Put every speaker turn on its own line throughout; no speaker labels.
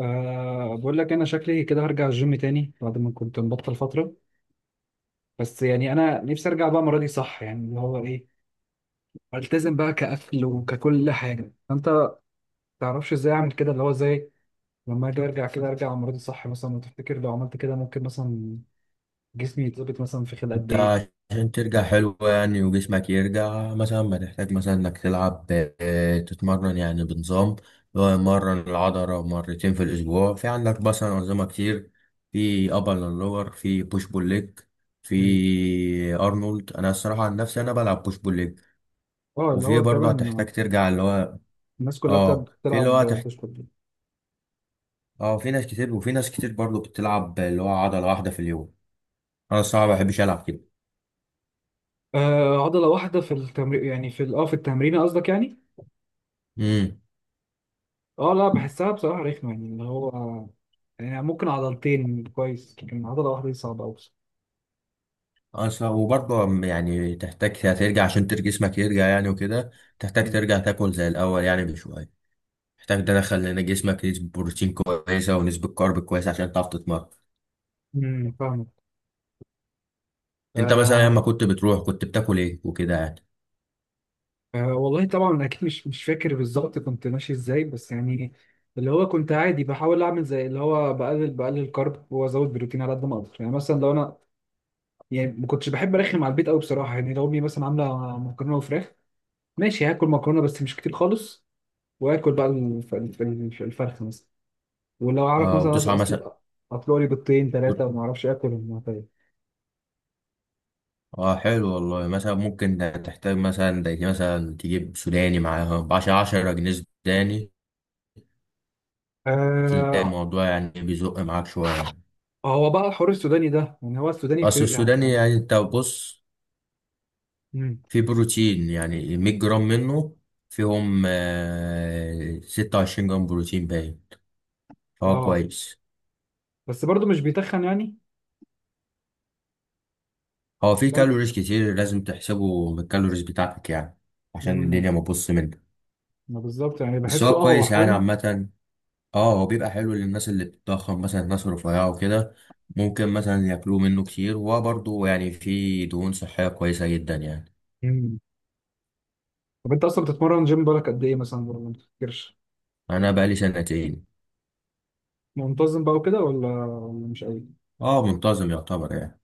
أه بقول لك انا شكلي كده هرجع الجيم تاني بعد ما كنت مبطل فتره. بس يعني انا نفسي ارجع بقى المره دي صح، يعني اللي هو ايه، التزم بقى كاكل وككل حاجه. انت ما تعرفش ازاي اعمل كده، اللي هو ازاي لما اجي ارجع كده، ارجع المره دي صح مثلا. وتفتكر لو عملت كده ممكن مثلا جسمي يتظبط مثلا في خلال قد
انت،
ايه؟
عشان ترجع حلو يعني وجسمك يرجع مثلا بتحتاج مثلا انك تلعب، تتمرن يعني بنظام، اللي هو مرة العضلة مرتين في الأسبوع. في عندك مثلا أنظمة كتير. في أبر لور، في بوش بول ليج،
مم.
في أرنولد. أنا الصراحة عن نفسي أنا بلعب بوش بول ليج.
اه اللي
وفي
هو
برضه
تقريبا
هتحتاج ترجع اللي هو
الناس كلها بتلعب
اه في اللي هو
بتلعب بوش بول.
اه، في ناس كتير، وفي ناس كتير برضه بتلعب اللي هو عضلة واحدة في اليوم. أنا الصراحة ما بحبش ألعب كده.
أه عضله واحده في التمرين، يعني في التمرين قصدك يعني.
مم.
اه لا، بحسها بصراحة رخمة، يعني اللي هو يعني ممكن عضلتين كويس، لكن عضلة واحدة دي صعبة أوي.
اصلا وبرضه يعني تحتاج هترجع عشان جسمك يرجع يعني وكده. تحتاج
مم.
ترجع تاكل زي الاول يعني بشويه. محتاج تدخل هنا جسمك نسبه بروتين كويسه ونسبه كارب كويسه عشان تعرف تتمرن.
فاهمك.
انت مثلا
آه.
لما كنت بتروح كنت بتاكل ايه وكده يعني؟
آه والله طبعا اكيد مش فاكر بالظبط كنت ماشي ازاي، بس يعني اللي هو كنت عادي بحاول اعمل زي اللي هو بقلل كارب وازود بروتين على قد ما اقدر، يعني مثلا لو انا يعني ما كنتش بحب ارخم على البيت قوي بصراحه. يعني لو امي مثلا عامله مكرونه وفراخ، ماشي هاكل مكرونه بس مش كتير خالص، واكل بقى الفرخه مثلا. ولو اعرف
اه،
مثلا
وتصحى مثلا
اصل اطلق لي بيضتين ثلاثه
وت-
وما اعرفش اكل، طيب.
اه حلو والله. مثلا ممكن تحتاج مثلا زي مثلا تجيب سوداني معاها بعشرة عشرة جنيه. سوداني. هتلاقي
آه.
الموضوع يعني بيزق معاك شويه.
هو بقى الحوار السوداني ده يعني، هو السوداني في
اصل السوداني
يعني.
يعني انت بص،
امم.
في بروتين يعني 100 جرام منه فيهم 26 جرام بروتين باين، فهو
اه
كويس.
بس برضه مش بيتخن يعني.
هو في
فاهم.
كالوريز كتير لازم تحسبه من الكالوريز بتاعتك يعني، عشان
امم.
الدنيا ما تبص منك.
ما بالظبط يعني
بس
بحسه
هو
اه هو
كويس يعني
حلو.
عامة. اه، هو بيبقى حلو للناس اللي بتتضخم، مثلا الناس الرفيعة وكده. ممكن مثلا ياكلوه منه كتير، وهو برضه يعني في دهون صحية كويسة جدا يعني.
امم. طب انت اصلا بتتمرن جيم بالك قد ايه مثلا، ولا ما بتفكرش؟
انا بقالي سنتين.
منتظم بقى وكده، ولا ولا مش قوي؟
اه، منتظم يعتبر يعني.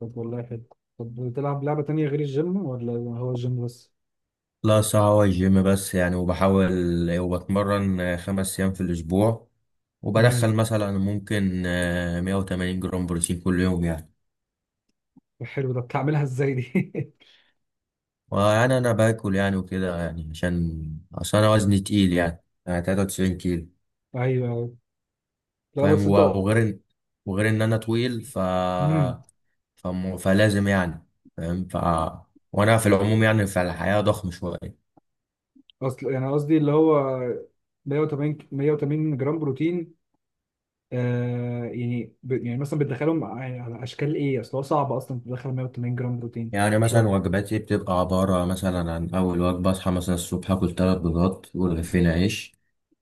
طب والله حلو. طب بتلعب لعبه تانية غير الجيم، ولا هو الجيم بس؟
لا، ساعة والجيم بس يعني. وبحاول وبتمرن 5 أيام في الأسبوع.
امم.
وبدخل مثلا ممكن 180 جرام بروتين كل يوم يعني.
حلو، ده بتعملها ازاي دي؟
وأنا أنا باكل يعني وكده يعني، عشان أصل أنا وزني تقيل يعني 93 كيلو.
ايوه، أيوة. لا بس
فاهم،
انت.
وغير إن، وغير إن أنا طويل
مم.
فلازم يعني، فاهم وأنا في العموم يعني في الحياة ضخم شوية.
اصل يعني قصدي اللي هو 180 180 جرام بروتين، آه يعني يعني مثلا بتدخلهم على اشكال ايه، اصل هو صعب اصلا تدخل 180 جرام بروتين
يعني مثلا
شويه.
وجباتي بتبقى عبارة مثلا عن أول وجبة، أصحى مثلا الصبح آكل 3 بيضات ورغيفين عيش،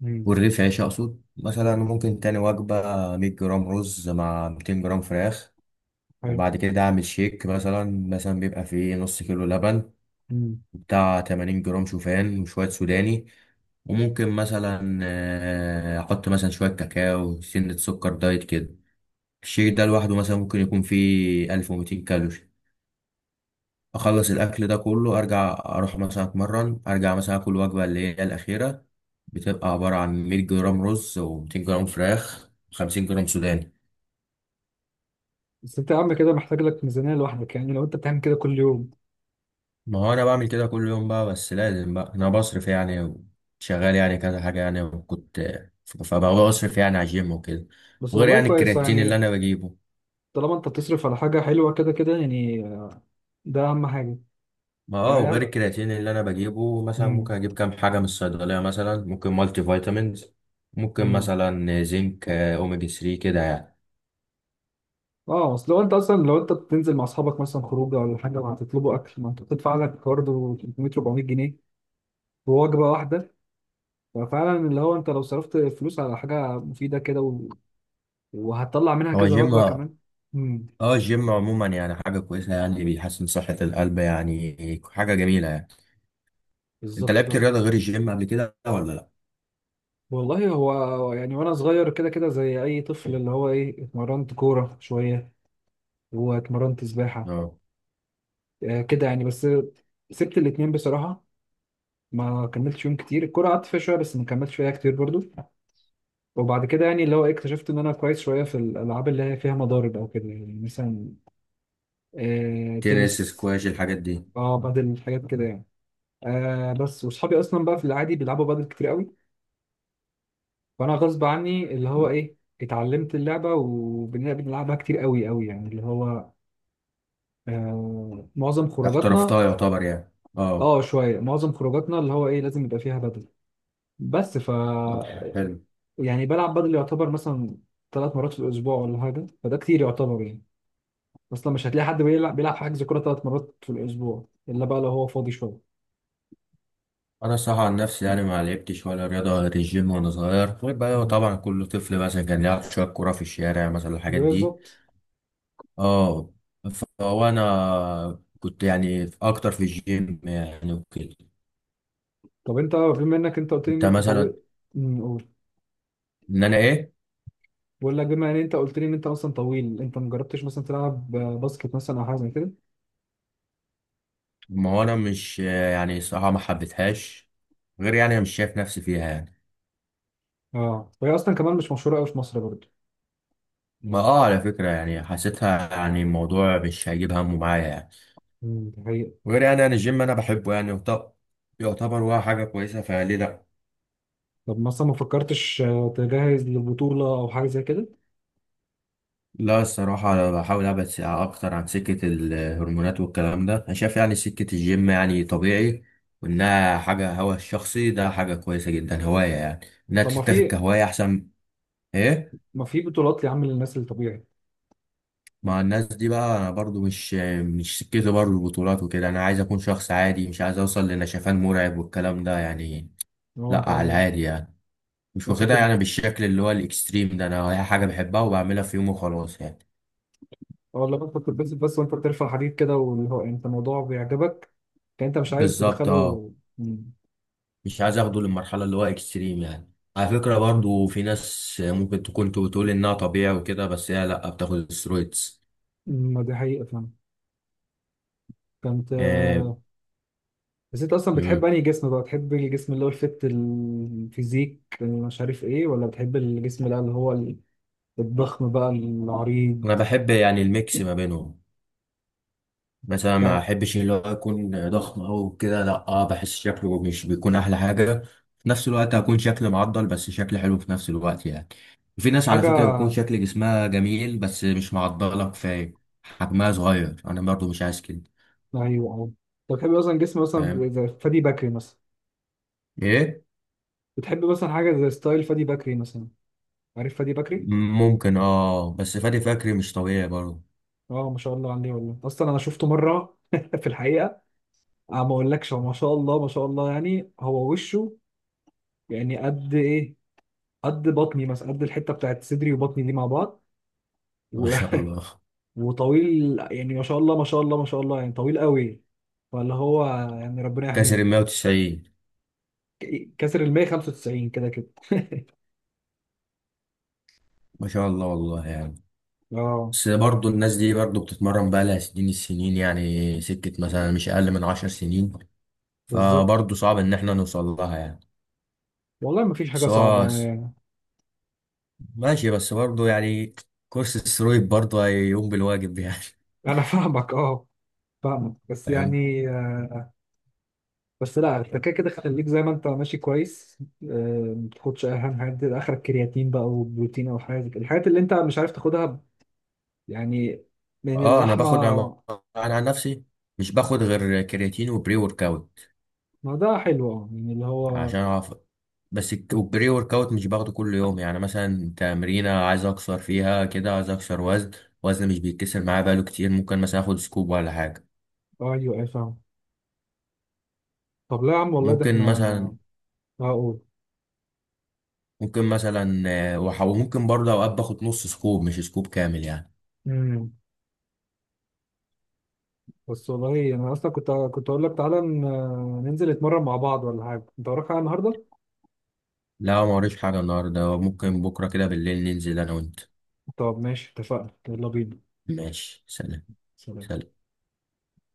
مم.
ورغيف عيش أقصد. مثلا
مم.
ممكن تاني وجبة 100 جرام رز مع 200 جرام فراخ.
حلو.
وبعد كده أعمل شيك مثلا. مثلا بيبقى فيه نص كيلو لبن،
مم.
بتاع 80 جرام شوفان وشوية سوداني. وممكن مثلا أحط مثلا شوية كاكاو سنة سكر دايت كده. الشيك ده لوحده مثلا ممكن يكون فيه 1200 كالوري. اخلص الاكل ده كله، ارجع اروح مثلا اتمرن، ارجع مثلا اكل وجبه اللي هي الاخيره، بتبقى عباره عن 100 جرام رز و200 جرام فراخ و50 جرام سوداني.
بس انت يا عم كده محتاج لك ميزانيه لوحدك يعني، لو انت بتعمل كده كل يوم.
ما هو انا بعمل كده كل يوم بقى، بس لازم بقى انا بصرف يعني. شغال يعني كذا حاجه يعني، وكنت فبقى بصرف يعني على الجيم وكده.
بس
وغير
والله
يعني
كويس
الكرياتين اللي
يعني.
انا بجيبه.
طالما انت بتصرف على حاجه حلوه كده كده يعني، ده اهم حاجه.
ما اه،
يعني.
وغير الكرياتين اللي انا بجيبه، مثلا
مم.
ممكن اجيب كام حاجه من الصيدليه، مثلا ممكن مالتي فيتامينز، ممكن
مم.
مثلا زنك، اوميجا 3 كده يعني.
اه اصل لو انت اصلا لو انت بتنزل مع اصحابك مثلا خروجه ولا حاجه وهتطلبوا اكل، ما انت بتدفع لك برضه 300 400 جنيه، ووجبة واحدة. ففعلا اللي هو انت لو صرفت فلوس على حاجة مفيدة كده وهتطلع منها
هو
كذا
جيم.
وجبة كمان. امم.
اه، الجيم عموما يعني حاجة كويسة يعني، بيحسن صحة القلب، يعني حاجة جميلة يعني. انت
بالظبط
لعبت
طبعا.
رياضة غير الجيم قبل كده ولا لا؟
والله هو يعني وانا صغير كده كده زي اي طفل، اللي هو ايه، اتمرنت كورة شوية واتمرنت سباحة.
اه،
آه كده يعني بس. سبت الاتنين بصراحة، ما كملتش يوم كتير. الكورة قعدت فيها شوية بس ما كملتش فيها كتير برضو. وبعد كده يعني اللي هو إيه، اكتشفت ان انا كويس شوية في الالعاب اللي هي فيها مضارب او كده يعني مثلا. آه
تنس
تنس.
سكواش الحاجات دي.
اه بدل حاجات كده يعني. آه بس وصحابي اصلا بقى في العادي بيلعبوا بادل كتير قوي، فانا غصب عني اللي هو ايه اتعلمت اللعبه، وبنلعب بنلعبها كتير قوي قوي، يعني اللي هو آه معظم
احترفتها
خروجاتنا.
يعتبر يعني. اه،
اه شويه، معظم خروجاتنا اللي هو ايه لازم يبقى فيها بادل بس. ف
طب حلو.
يعني بلعب بادل يعتبر مثلا ثلاث مرات في الاسبوع ولا حاجه، فده كتير يعتبر يعني. اصلا مش هتلاقي حد بيلعب حجز كوره ثلاث مرات في الاسبوع، الا بقى لو هو فاضي شويه.
انا الصراحة عن نفسي يعني ما لعبتش ولا رياضة غير الجيم وانا صغير، غير بقى
مم.
طبعا كل طفل مثلا كان يلعب شوية كورة في الشارع مثلا الحاجات دي.
بالظبط.
اه، فهو انا كنت يعني اكتر في الجيم يعني وكده.
طب انت بما انك انت قلت لي ان
انت
انت
مثلا،
طبيب.
ان انا ايه؟
بقول لك بما ان انت قلت لي ان انت اصلا طويل، انت ما جربتش مثلا تلعب باسكت مثلا او حاجه زي كده؟
ما هو انا مش يعني، صراحة ما حبيتهاش، غير يعني انا مش شايف نفسي فيها يعني.
اه وهي اصلا كمان مش مشهوره قوي في مصر برضه.
ما اه، على فكرة يعني حسيتها يعني الموضوع مش هيجيب همه معايا يعني.
دي حقيقه.
غير يعني انا الجيم انا بحبه يعني، وطب، يعتبر هو حاجة كويسة، فليه لا.
طب مثلا ما فكرتش آه، تجهز لبطوله او حاجه زي كده؟
لا، الصراحة أنا بحاول أبعد أكتر عن سكة الهرمونات والكلام ده. أنا شايف يعني سكة الجيم يعني طبيعي، وإنها حاجة هوا الشخصي ده حاجة كويسة جدا، هواية يعني، إنها
طب ما
تتاخد
في.
كهواية أحسن. إيه؟
ما في بطولات يا عم للناس الطبيعي.
مع الناس دي بقى، انا برضو مش سكتي برضو البطولات وكده. انا عايز اكون شخص عادي، مش عايز اوصل لنشفان مرعب والكلام ده يعني.
هو انت.
لا، على العادي يعني، مش
انت
واخدها
بتب...
يعني بالشكل اللي هو الاكستريم ده. انا هي حاجه بحبها وبعملها في يوم وخلاص يعني.
اه لما انت بتلبس بس وانت بترفع حديد كده، واللي هو انت الموضوع بيعجبك، كان انت مش عايز
بالظبط، اه.
تدخله. امم.
مش عايز اخده للمرحله اللي هو اكستريم يعني. على فكره برضو في ناس ممكن تكون بتقول انها طبيعي وكده، بس هي لا، بتاخد سترويدز.
ما دي حقيقه فاهم. كانت.
آه،
بس انت اصلا بتحب
مم.
انهي جسم بقى؟ بتحب الجسم اللي هو الفت، الفيزيك اللي مش عارف ايه، ولا بتحب الجسم بقى اللي هو ال- الضخم بقى
انا
العريض؟
بحب يعني الميكس ما بينهم. بس انا ما
يعني
احبش اللي هو يكون ضخم او كده، لا، اه بحس شكله مش بيكون احلى حاجه. في نفس الوقت هكون شكل معضل، بس شكل حلو في نفس الوقت يعني. في ناس على
حاجه.
فكره بيكون شكل جسمها جميل، بس مش معضله كفايه، حجمها صغير، انا برضو مش عايز كده.
ايوه اه. انت بتحب مثلا جسم
فاهم
مثلا زي فادي بكري مثلا؟
ايه؟
بتحب مثلا حاجه زي ستايل فادي بكري مثلا؟ عارف فادي بكري.
ممكن، اه، بس فادي فكري مش طبيعي برضو.
اه ما شاء الله عليه، والله اصلا انا شفته مره في الحقيقه. اه ما اقولكش، هو ما شاء الله ما شاء الله، يعني هو وشه يعني قد ايه، قد بطني مثلا، قد الحته بتاعت صدري وبطني دي مع بعض
ما
و...
شاء الله.
وطويل، يعني ما شاء الله ما شاء الله ما شاء الله يعني طويل قوي، فاللي هو يعني ربنا
كسر
يحميه.
ال 190.
كسر ال 195 كده كده
ما شاء الله والله يعني.
اه
بس برضه الناس دي برضه بتتمرن بقى لها سنين، السنين يعني سكة مثلا مش أقل من 10 سنين.
بالظبط.
فبرضه صعب ان احنا نوصل لها يعني.
والله ما فيش حاجه
بس
صعبه
هو
يعني.
ماشي، بس برضه يعني كورس السرويد برضه هيقوم بالواجب يعني.
انا فاهمك اه. فاهمك بس
فاهم.
يعني. بس لا، انت كده كده خليك زي ما انت ماشي كويس. آه، ما تاخدش اي، اهم حاجات دي، اخرك كرياتين بقى وبروتين او حاجه زي كده. الحاجات اللي انت مش عارف تاخدها يعني من
اه، انا باخد انا،
اللحمه.
أنا عن نفسي مش باخد غير كرياتين وبري ورك اوت،
ما ده حلو اه، يعني اللي هو
عشان اعرف. بس والبري ورك اوت مش باخده كل يوم يعني. مثلا تمرينة عايز اكسر فيها كده، عايز اكسر وزن. وزن مش بيتكسر معايا بقاله كتير، ممكن مثلا اخد سكوب ولا حاجة.
آه، ايوه اي فاهم. طب لا يا عم، والله ده احنا
ممكن مثلا
هقول.
ممكن مثلا وممكن برضه اوقات باخد نص سكوب مش سكوب كامل يعني.
امم. بس والله انا اصلا كنت اقول لك تعالى ننزل نتمرن مع بعض ولا حاجه، انت وراك حاجه النهارده؟
لا، ما وريش حاجة النهاردة. ممكن بكرة كده بالليل ننزل أنا وأنت.
طب ماشي، اتفقنا، يلا بينا.
ماشي، سلام.
سلام.
سلام.